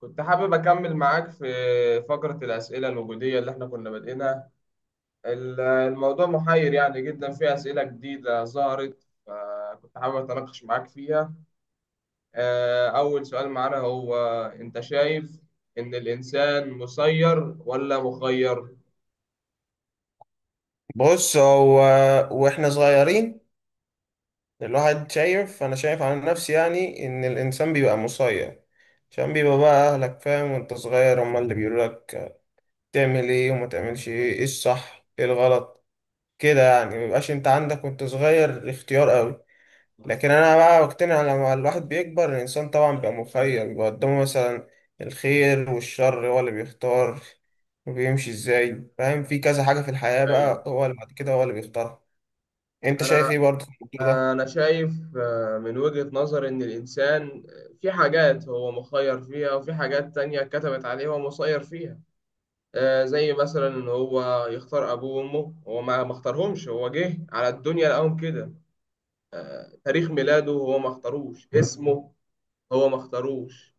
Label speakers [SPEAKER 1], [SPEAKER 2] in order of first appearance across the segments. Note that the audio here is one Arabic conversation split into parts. [SPEAKER 1] كنت حابب أكمل معاك في فقرة الأسئلة الوجودية اللي إحنا كنا بادئينها. الموضوع محير يعني جدا، في أسئلة جديدة ظهرت، فكنت حابب أتناقش معاك فيها. أول سؤال معانا هو، أنت شايف إن الإنسان مسير ولا مخير؟
[SPEAKER 2] بص هو، واحنا صغيرين، الواحد شايف، انا شايف على نفسي يعني ان الانسان بيبقى مسير، عشان بيبقى بقى اهلك فاهم وانت صغير هما اللي بيقولوا لك تعمل ايه وما تعملش ايه، ايه الصح ايه الغلط، كده يعني مبيبقاش انت عندك وانت صغير اختيار قوي. لكن انا بقى بقتنع لما الواحد بيكبر، الانسان طبعا بيبقى مخير، بيبقى قدامه مثلا الخير والشر هو اللي بيختار وبيمشي ازاي، فاهم، في كذا حاجة في الحياة
[SPEAKER 1] أيوه.
[SPEAKER 2] بقى هو اللي بعد كده هو اللي بيختارها. انت شايف
[SPEAKER 1] أنا
[SPEAKER 2] ايه برضه في الموضوع ده؟
[SPEAKER 1] أنا شايف من وجهة نظر إن الإنسان، في حاجات هو مخير فيها وفي حاجات تانية كتبت عليه هو مسير فيها. زي مثلا ان هو يختار ابوه وامه، هو ما اختارهمش، هو جه على الدنيا لقاهم كده. تاريخ ميلاده هو ما اختاروش، اسمه هو ما اختاروش.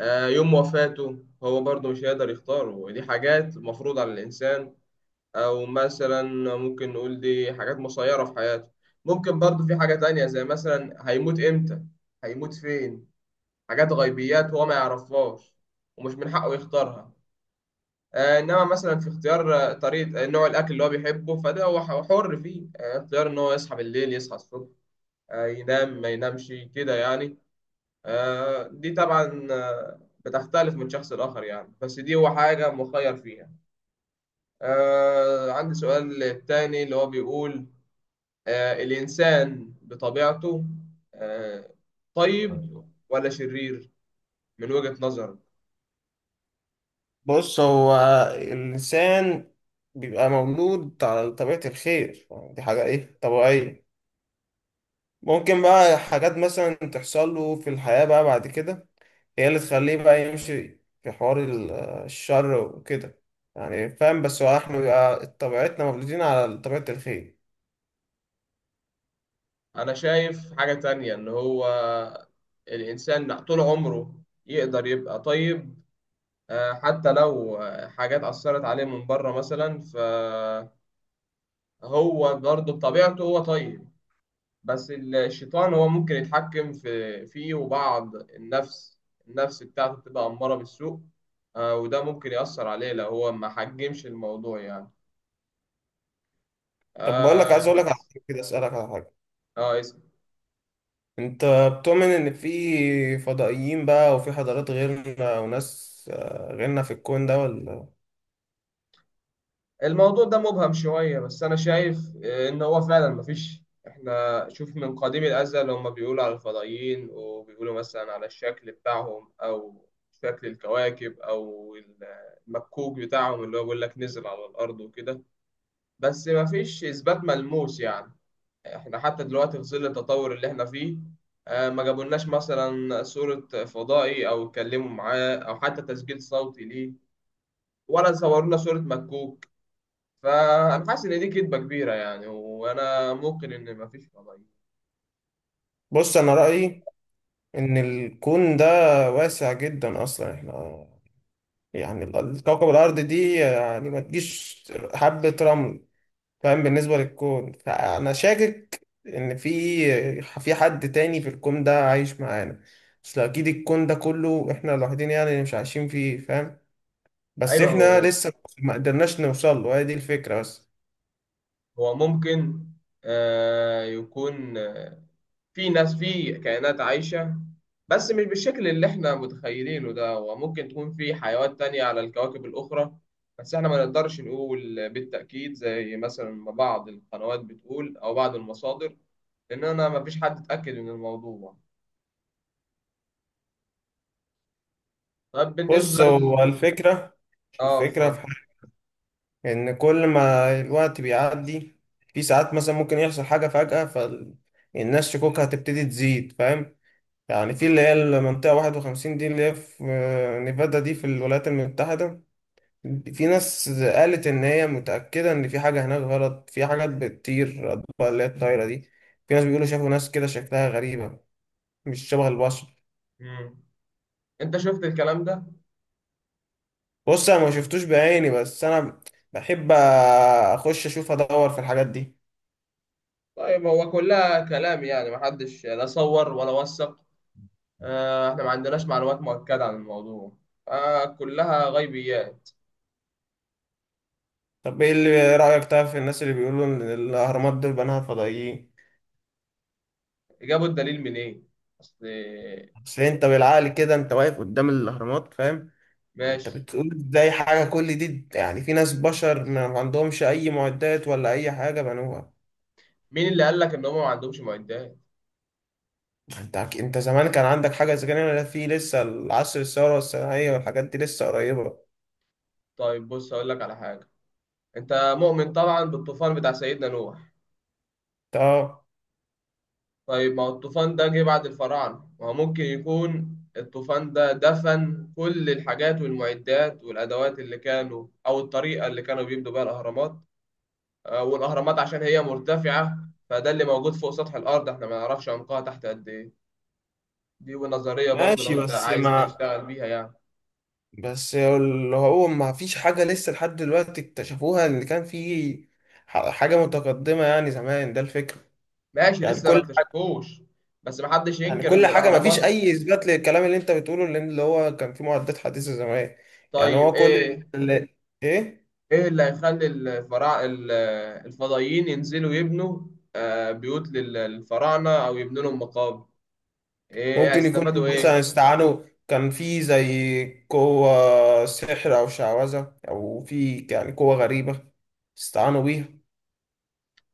[SPEAKER 1] يوم وفاته هو برضه مش هيقدر يختاره، ودي حاجات مفروض على الانسان. او مثلا، ممكن نقول دي حاجات مسيرة في حياته. ممكن برضه في حاجة تانية، زي مثلا هيموت امتى، هيموت فين، حاجات غيبيات هو ما يعرفهاش ومش من حقه يختارها. انما مثلا في اختيار طريقه، نوع الاكل اللي هو بيحبه، فده هو حر فيه. اختيار ان هو يصحى بالليل يصحى الصبح، ينام ما ينامش كده يعني. دي طبعا بتختلف من شخص لاخر يعني، بس دي هو حاجه مخير فيها. عندي سؤال تاني اللي هو بيقول، الانسان بطبيعته آه، طيب ولا شرير، من وجهة نظرك؟
[SPEAKER 2] بص، هو الإنسان بيبقى مولود على طبيعة الخير، يعني دي حاجة إيه، طبيعية. ممكن بقى حاجات مثلا تحصل له في الحياة بقى بعد كده هي اللي تخليه بقى يمشي في حوار الشر وكده، يعني فاهم، بس هو احنا بيبقى طبيعتنا مولودين على طبيعة الخير.
[SPEAKER 1] انا شايف حاجة تانية، ان هو الانسان طول عمره يقدر يبقى طيب، حتى لو حاجات اثرت عليه من بره مثلا، فهو برضه بطبيعته هو طيب. بس الشيطان هو ممكن يتحكم فيه، وبعض النفس، النفس بتاعته بتبقى أمارة بالسوء. وده ممكن يأثر عليه لو هو ما حجمش الموضوع يعني.
[SPEAKER 2] طب بقول لك، عايز
[SPEAKER 1] اه.
[SPEAKER 2] أقول لك على حاجة كده، أسألك على حاجة.
[SPEAKER 1] آه،
[SPEAKER 2] انت بتؤمن ان في فضائيين بقى وفي حضارات غيرنا وناس غيرنا في الكون ده ولا؟
[SPEAKER 1] الموضوع ده مبهم شوية، بس أنا شايف إن هو فعلا مفيش، إحنا شوف من قديم الأزل هما بيقولوا على الفضائيين، وبيقولوا مثلا على الشكل بتاعهم، أو شكل الكواكب، أو المكوك بتاعهم اللي هو بيقول لك نزل على الأرض وكده. بس مفيش إثبات ملموس يعني. إحنا حتى دلوقتي في ظل التطور اللي إحنا فيه، ما جابولناش مثلا صورة فضائي، أو اتكلموا معاه، أو حتى تسجيل صوتي ليه، ولا صورونا صورة مكوك. فانا حاسس ان دي كدبه كبيره يعني، وانا ممكن ان ما فيش فضائيين.
[SPEAKER 2] بص انا رأيي ان الكون ده واسع جدا، اصلا احنا يعني كوكب الارض دي يعني ما تجيش حبة رمل، فاهم، بالنسبة للكون، فانا شاكك ان في حد تاني في الكون ده عايش معانا. اصل اكيد الكون ده كله احنا لوحدين يعني اللي مش عايشين فيه، فاهم، بس
[SPEAKER 1] ايوه
[SPEAKER 2] احنا
[SPEAKER 1] هو.
[SPEAKER 2] لسه ما قدرناش نوصل له، هي دي الفكرة بس.
[SPEAKER 1] هو ممكن آه يكون في ناس، في كائنات عايشه، بس مش بالشكل اللي احنا متخيلينه ده، وممكن تكون في حيوانات تانية على الكواكب الاخرى. بس احنا ما نقدرش نقول بالتاكيد زي مثلا ما بعض القنوات بتقول، او بعض المصادر، لان انا ما فيش حد اتاكد من الموضوع. طب
[SPEAKER 2] بص،
[SPEAKER 1] بالنسبه
[SPEAKER 2] هو الفكرة،
[SPEAKER 1] اه،
[SPEAKER 2] الفكرة في
[SPEAKER 1] اتفضل.
[SPEAKER 2] حاجة، إن كل ما الوقت بيعدي في ساعات مثلا ممكن يحصل حاجة فجأة، فالناس شكوكها هتبتدي تزيد، فاهم. يعني في اللي هي المنطقة 51 دي، اللي هي في نيفادا دي، في الولايات المتحدة، في ناس قالت إن هي متأكدة إن في حاجة هناك غلط، في حاجات بتطير، أطباق اللي هي الطايرة دي. في ناس بيقولوا شافوا ناس كده شكلها غريبة، مش شبه البشر.
[SPEAKER 1] مم. انت شفت الكلام ده؟
[SPEAKER 2] بص انا ما شفتوش بعيني، بس انا بحب اخش اشوف ادور في الحاجات دي.
[SPEAKER 1] طيب هو كلها كلام يعني، محدش لا صور ولا وثق، احنا ما عندناش معلومات مؤكدة عن الموضوع، كلها غيبيات.
[SPEAKER 2] طب ايه اللي رايك طيب في الناس اللي بيقولوا ان الاهرامات دول بناها فضائيين؟
[SPEAKER 1] جابوا الدليل منين؟ اصل.
[SPEAKER 2] اصل انت بالعقل كده، انت واقف قدام الاهرامات، فاهم، انت
[SPEAKER 1] ماشي.
[SPEAKER 2] بتقول ازاي حاجه كل دي يعني في ناس بشر ما عندهمش اي معدات ولا اي حاجه بنوها؟
[SPEAKER 1] مين اللي قال لك ان هم ما عندهمش معدات؟
[SPEAKER 2] انت انت زمان كان عندك حاجه زي كده؟ في لسه العصر الثوره الصناعيه والحاجات دي لسه قريبه.
[SPEAKER 1] طيب بص اقول لك على حاجة، انت مؤمن طبعا بالطوفان بتاع سيدنا نوح.
[SPEAKER 2] طب
[SPEAKER 1] طيب ما هو الطوفان ده جه بعد الفراعنة، ما هو ممكن يكون الطوفان ده دفن كل الحاجات والمعدات والأدوات اللي كانوا، أو الطريقة اللي كانوا بيبنوا بيها الأهرامات. والاهرامات عشان هي مرتفعه، فده اللي موجود فوق سطح الارض، احنا ما نعرفش عمقها تحت قد ايه. دي ونظريه برضو لو
[SPEAKER 2] ماشي
[SPEAKER 1] انت
[SPEAKER 2] بس
[SPEAKER 1] عايز
[SPEAKER 2] ما،
[SPEAKER 1] تشتغل بيها يعني.
[SPEAKER 2] بس اللي هو ما فيش حاجة لسه لحد دلوقتي اكتشفوها اللي كان فيه حاجة متقدمة يعني زمان، ده الفكرة.
[SPEAKER 1] ماشي،
[SPEAKER 2] يعني
[SPEAKER 1] لسه ما
[SPEAKER 2] كل حاجة،
[SPEAKER 1] اكتشفوش، بس ما حدش
[SPEAKER 2] يعني
[SPEAKER 1] ينكر
[SPEAKER 2] كل
[SPEAKER 1] ان
[SPEAKER 2] حاجة ما فيش
[SPEAKER 1] الاهرامات.
[SPEAKER 2] أي إثبات للكلام اللي أنت بتقوله، لأن اللي هو كان فيه معدات حديثة زمان. يعني
[SPEAKER 1] طيب
[SPEAKER 2] هو كل
[SPEAKER 1] ايه،
[SPEAKER 2] ال- ال- إيه،
[SPEAKER 1] ايه اللي هيخلي الفضائيين ينزلوا يبنوا بيوت للفراعنه، او يبنوا لهم مقابر؟ إيه،
[SPEAKER 2] ممكن يكونوا
[SPEAKER 1] هيستفادوا
[SPEAKER 2] مثلا
[SPEAKER 1] ايه؟
[SPEAKER 2] استعانوا، كان فيه زي قوة سحر أو شعوذة أو في يعني قوة غريبة استعانوا بيها.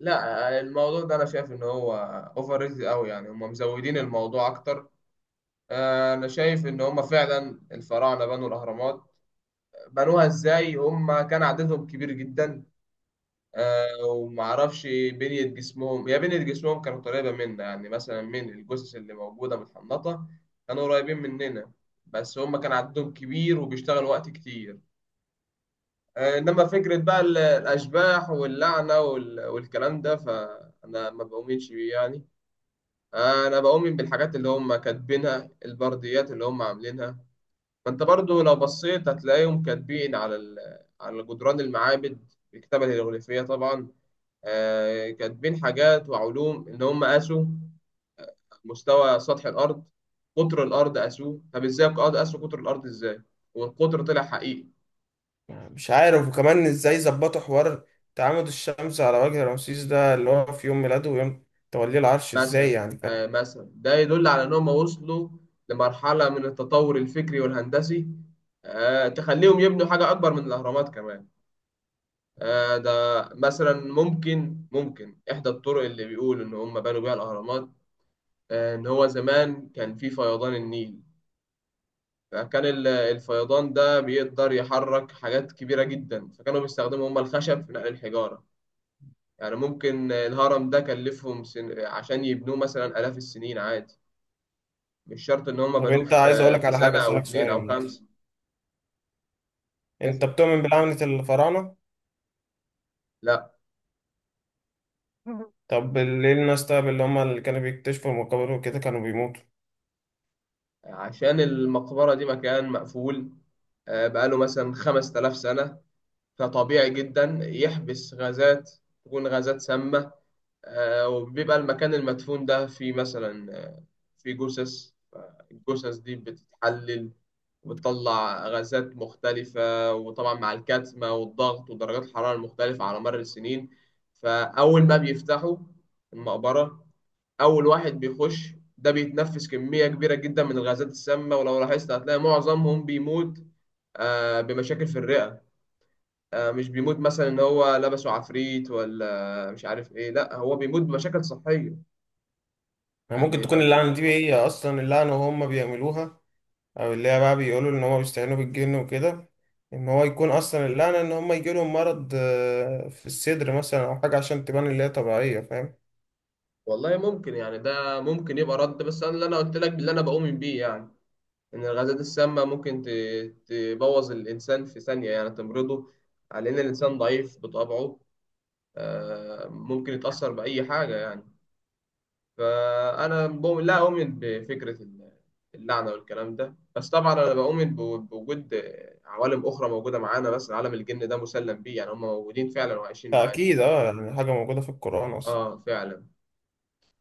[SPEAKER 1] لا الموضوع ده انا شايف ان هو، اوفر ريتد قوي يعني، هم مزودين الموضوع اكتر. انا شايف ان هم فعلا الفراعنه بنوا الاهرامات. بنوها ازاي؟ هم كان عددهم كبير جدا، ومعرفش بنيه جسمهم، هي بنيه جسمهم كانت قريبه منا يعني، مثلا من الجثث اللي موجوده متحنطه كانوا قريبين مننا، بس هم كان عددهم كبير وبيشتغلوا وقت كتير. انما فكره بقى الاشباح واللعنه والكلام ده، فانا ما بؤمنش بيه يعني. انا بؤمن بالحاجات اللي هم كاتبينها، البرديات اللي هم عاملينها. فانت برضو لو بصيت هتلاقيهم كاتبين على جدران المعابد، الكتابة الهيروغليفية طبعا. كاتبين حاجات وعلوم إن هم قاسوا مستوى سطح الأرض، قطر الأرض قاسوه، طب إزاي قاسوا قطر الأرض إزاي، والقطر طلع حقيقي.
[SPEAKER 2] يعني مش عارف، وكمان ازاي ظبطوا حوار تعامد الشمس على وجه رمسيس ده اللي هو في يوم ميلاده ويوم توليه العرش ازاي،
[SPEAKER 1] مثلا
[SPEAKER 2] يعني فاهم.
[SPEAKER 1] مثلا ده يدل على إن هم وصلوا لمرحلة من التطور الفكري والهندسي، تخليهم يبنوا حاجة أكبر من الأهرامات كمان. ده مثلا، ممكن إحدى الطرق اللي بيقول إن هم بنوا بيها الأهرامات، إن هو زمان كان في فيضان النيل. فكان الفيضان ده بيقدر يحرك حاجات كبيرة جدا، فكانوا بيستخدموا هم الخشب في نقل الحجارة. يعني ممكن الهرم ده كلفهم عشان يبنوه مثلا آلاف السنين عادي، مش شرط إن هم
[SPEAKER 2] طب
[SPEAKER 1] بنوه
[SPEAKER 2] انت عايز
[SPEAKER 1] في
[SPEAKER 2] اقولك
[SPEAKER 1] في
[SPEAKER 2] على حاجة،
[SPEAKER 1] سنة أو
[SPEAKER 2] اسألك
[SPEAKER 1] اتنين أو
[SPEAKER 2] سؤال،
[SPEAKER 1] خمسة.
[SPEAKER 2] انت
[SPEAKER 1] تسعة.
[SPEAKER 2] بتؤمن بلعنة الفراعنة؟
[SPEAKER 1] لا.
[SPEAKER 2] طب ليه الناس طيب اللي هم اللي كانوا بيكتشفوا المقابر وكده كانوا بيموتوا؟
[SPEAKER 1] عشان المقبرة دي مكان مقفول، بقاله مثلا 5000 سنة، فطبيعي جدا يحبس غازات، تكون غازات سامة. وبيبقى المكان المدفون ده في مثلا، في جثث، الجثث دي بتتحلل وبتطلع غازات مختلفة، وطبعا مع الكتمة والضغط ودرجات الحرارة المختلفة على مر السنين. فأول ما بيفتحوا المقبرة، أول واحد بيخش ده بيتنفس كمية كبيرة جدا من الغازات السامة، ولو لاحظت هتلاقي معظمهم بيموت بمشاكل في الرئة. مش بيموت مثلا ان هو لبسه عفريت ولا مش عارف ايه، لا هو بيموت بمشاكل صحية.
[SPEAKER 2] يعني ممكن
[SPEAKER 1] يعني ما
[SPEAKER 2] تكون اللعنة دي
[SPEAKER 1] بي...
[SPEAKER 2] هي اصلا اللعنة وهم بيعملوها، او اللي هي بقى بيقولوا ان هم بيستعينوا بالجن وكده، ان هو يكون اصلا اللعنة ان هم يجيلهم مرض في الصدر مثلا او حاجة، عشان تبان اللي هي طبيعية، فاهم.
[SPEAKER 1] والله ممكن يعني، ده ممكن يبقى رد، بس انا اللي انا قلت لك اللي انا بؤمن بيه يعني، ان الغازات السامة ممكن تبوظ الانسان في ثانية يعني، تمرضه، على ان الانسان ضعيف بطبعه. ممكن يتأثر بأي حاجة يعني. فأنا بؤمن لا أؤمن بفكرة اللعنة والكلام ده، بس طبعا أنا بؤمن بوجود عوالم أخرى موجودة معانا، بس عالم الجن ده مسلم بيه يعني، هم موجودين فعلا وعايشين معانا.
[SPEAKER 2] أكيد أه، يعني حاجة موجودة في القرآن أصلا.
[SPEAKER 1] آه فعلا.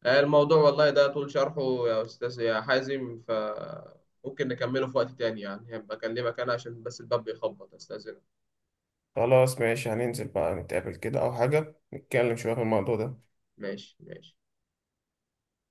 [SPEAKER 1] الموضوع والله ده طول شرحه يا أستاذ يا حازم، فممكن نكمله في وقت تاني يعني، هبقى أكلمك أنا عشان بس الباب بيخبط، أستاذنك.
[SPEAKER 2] خلاص ماشي، هننزل بقى نتقابل كده أو حاجة، نتكلم شوية في الموضوع ده.
[SPEAKER 1] ماشي ماشي.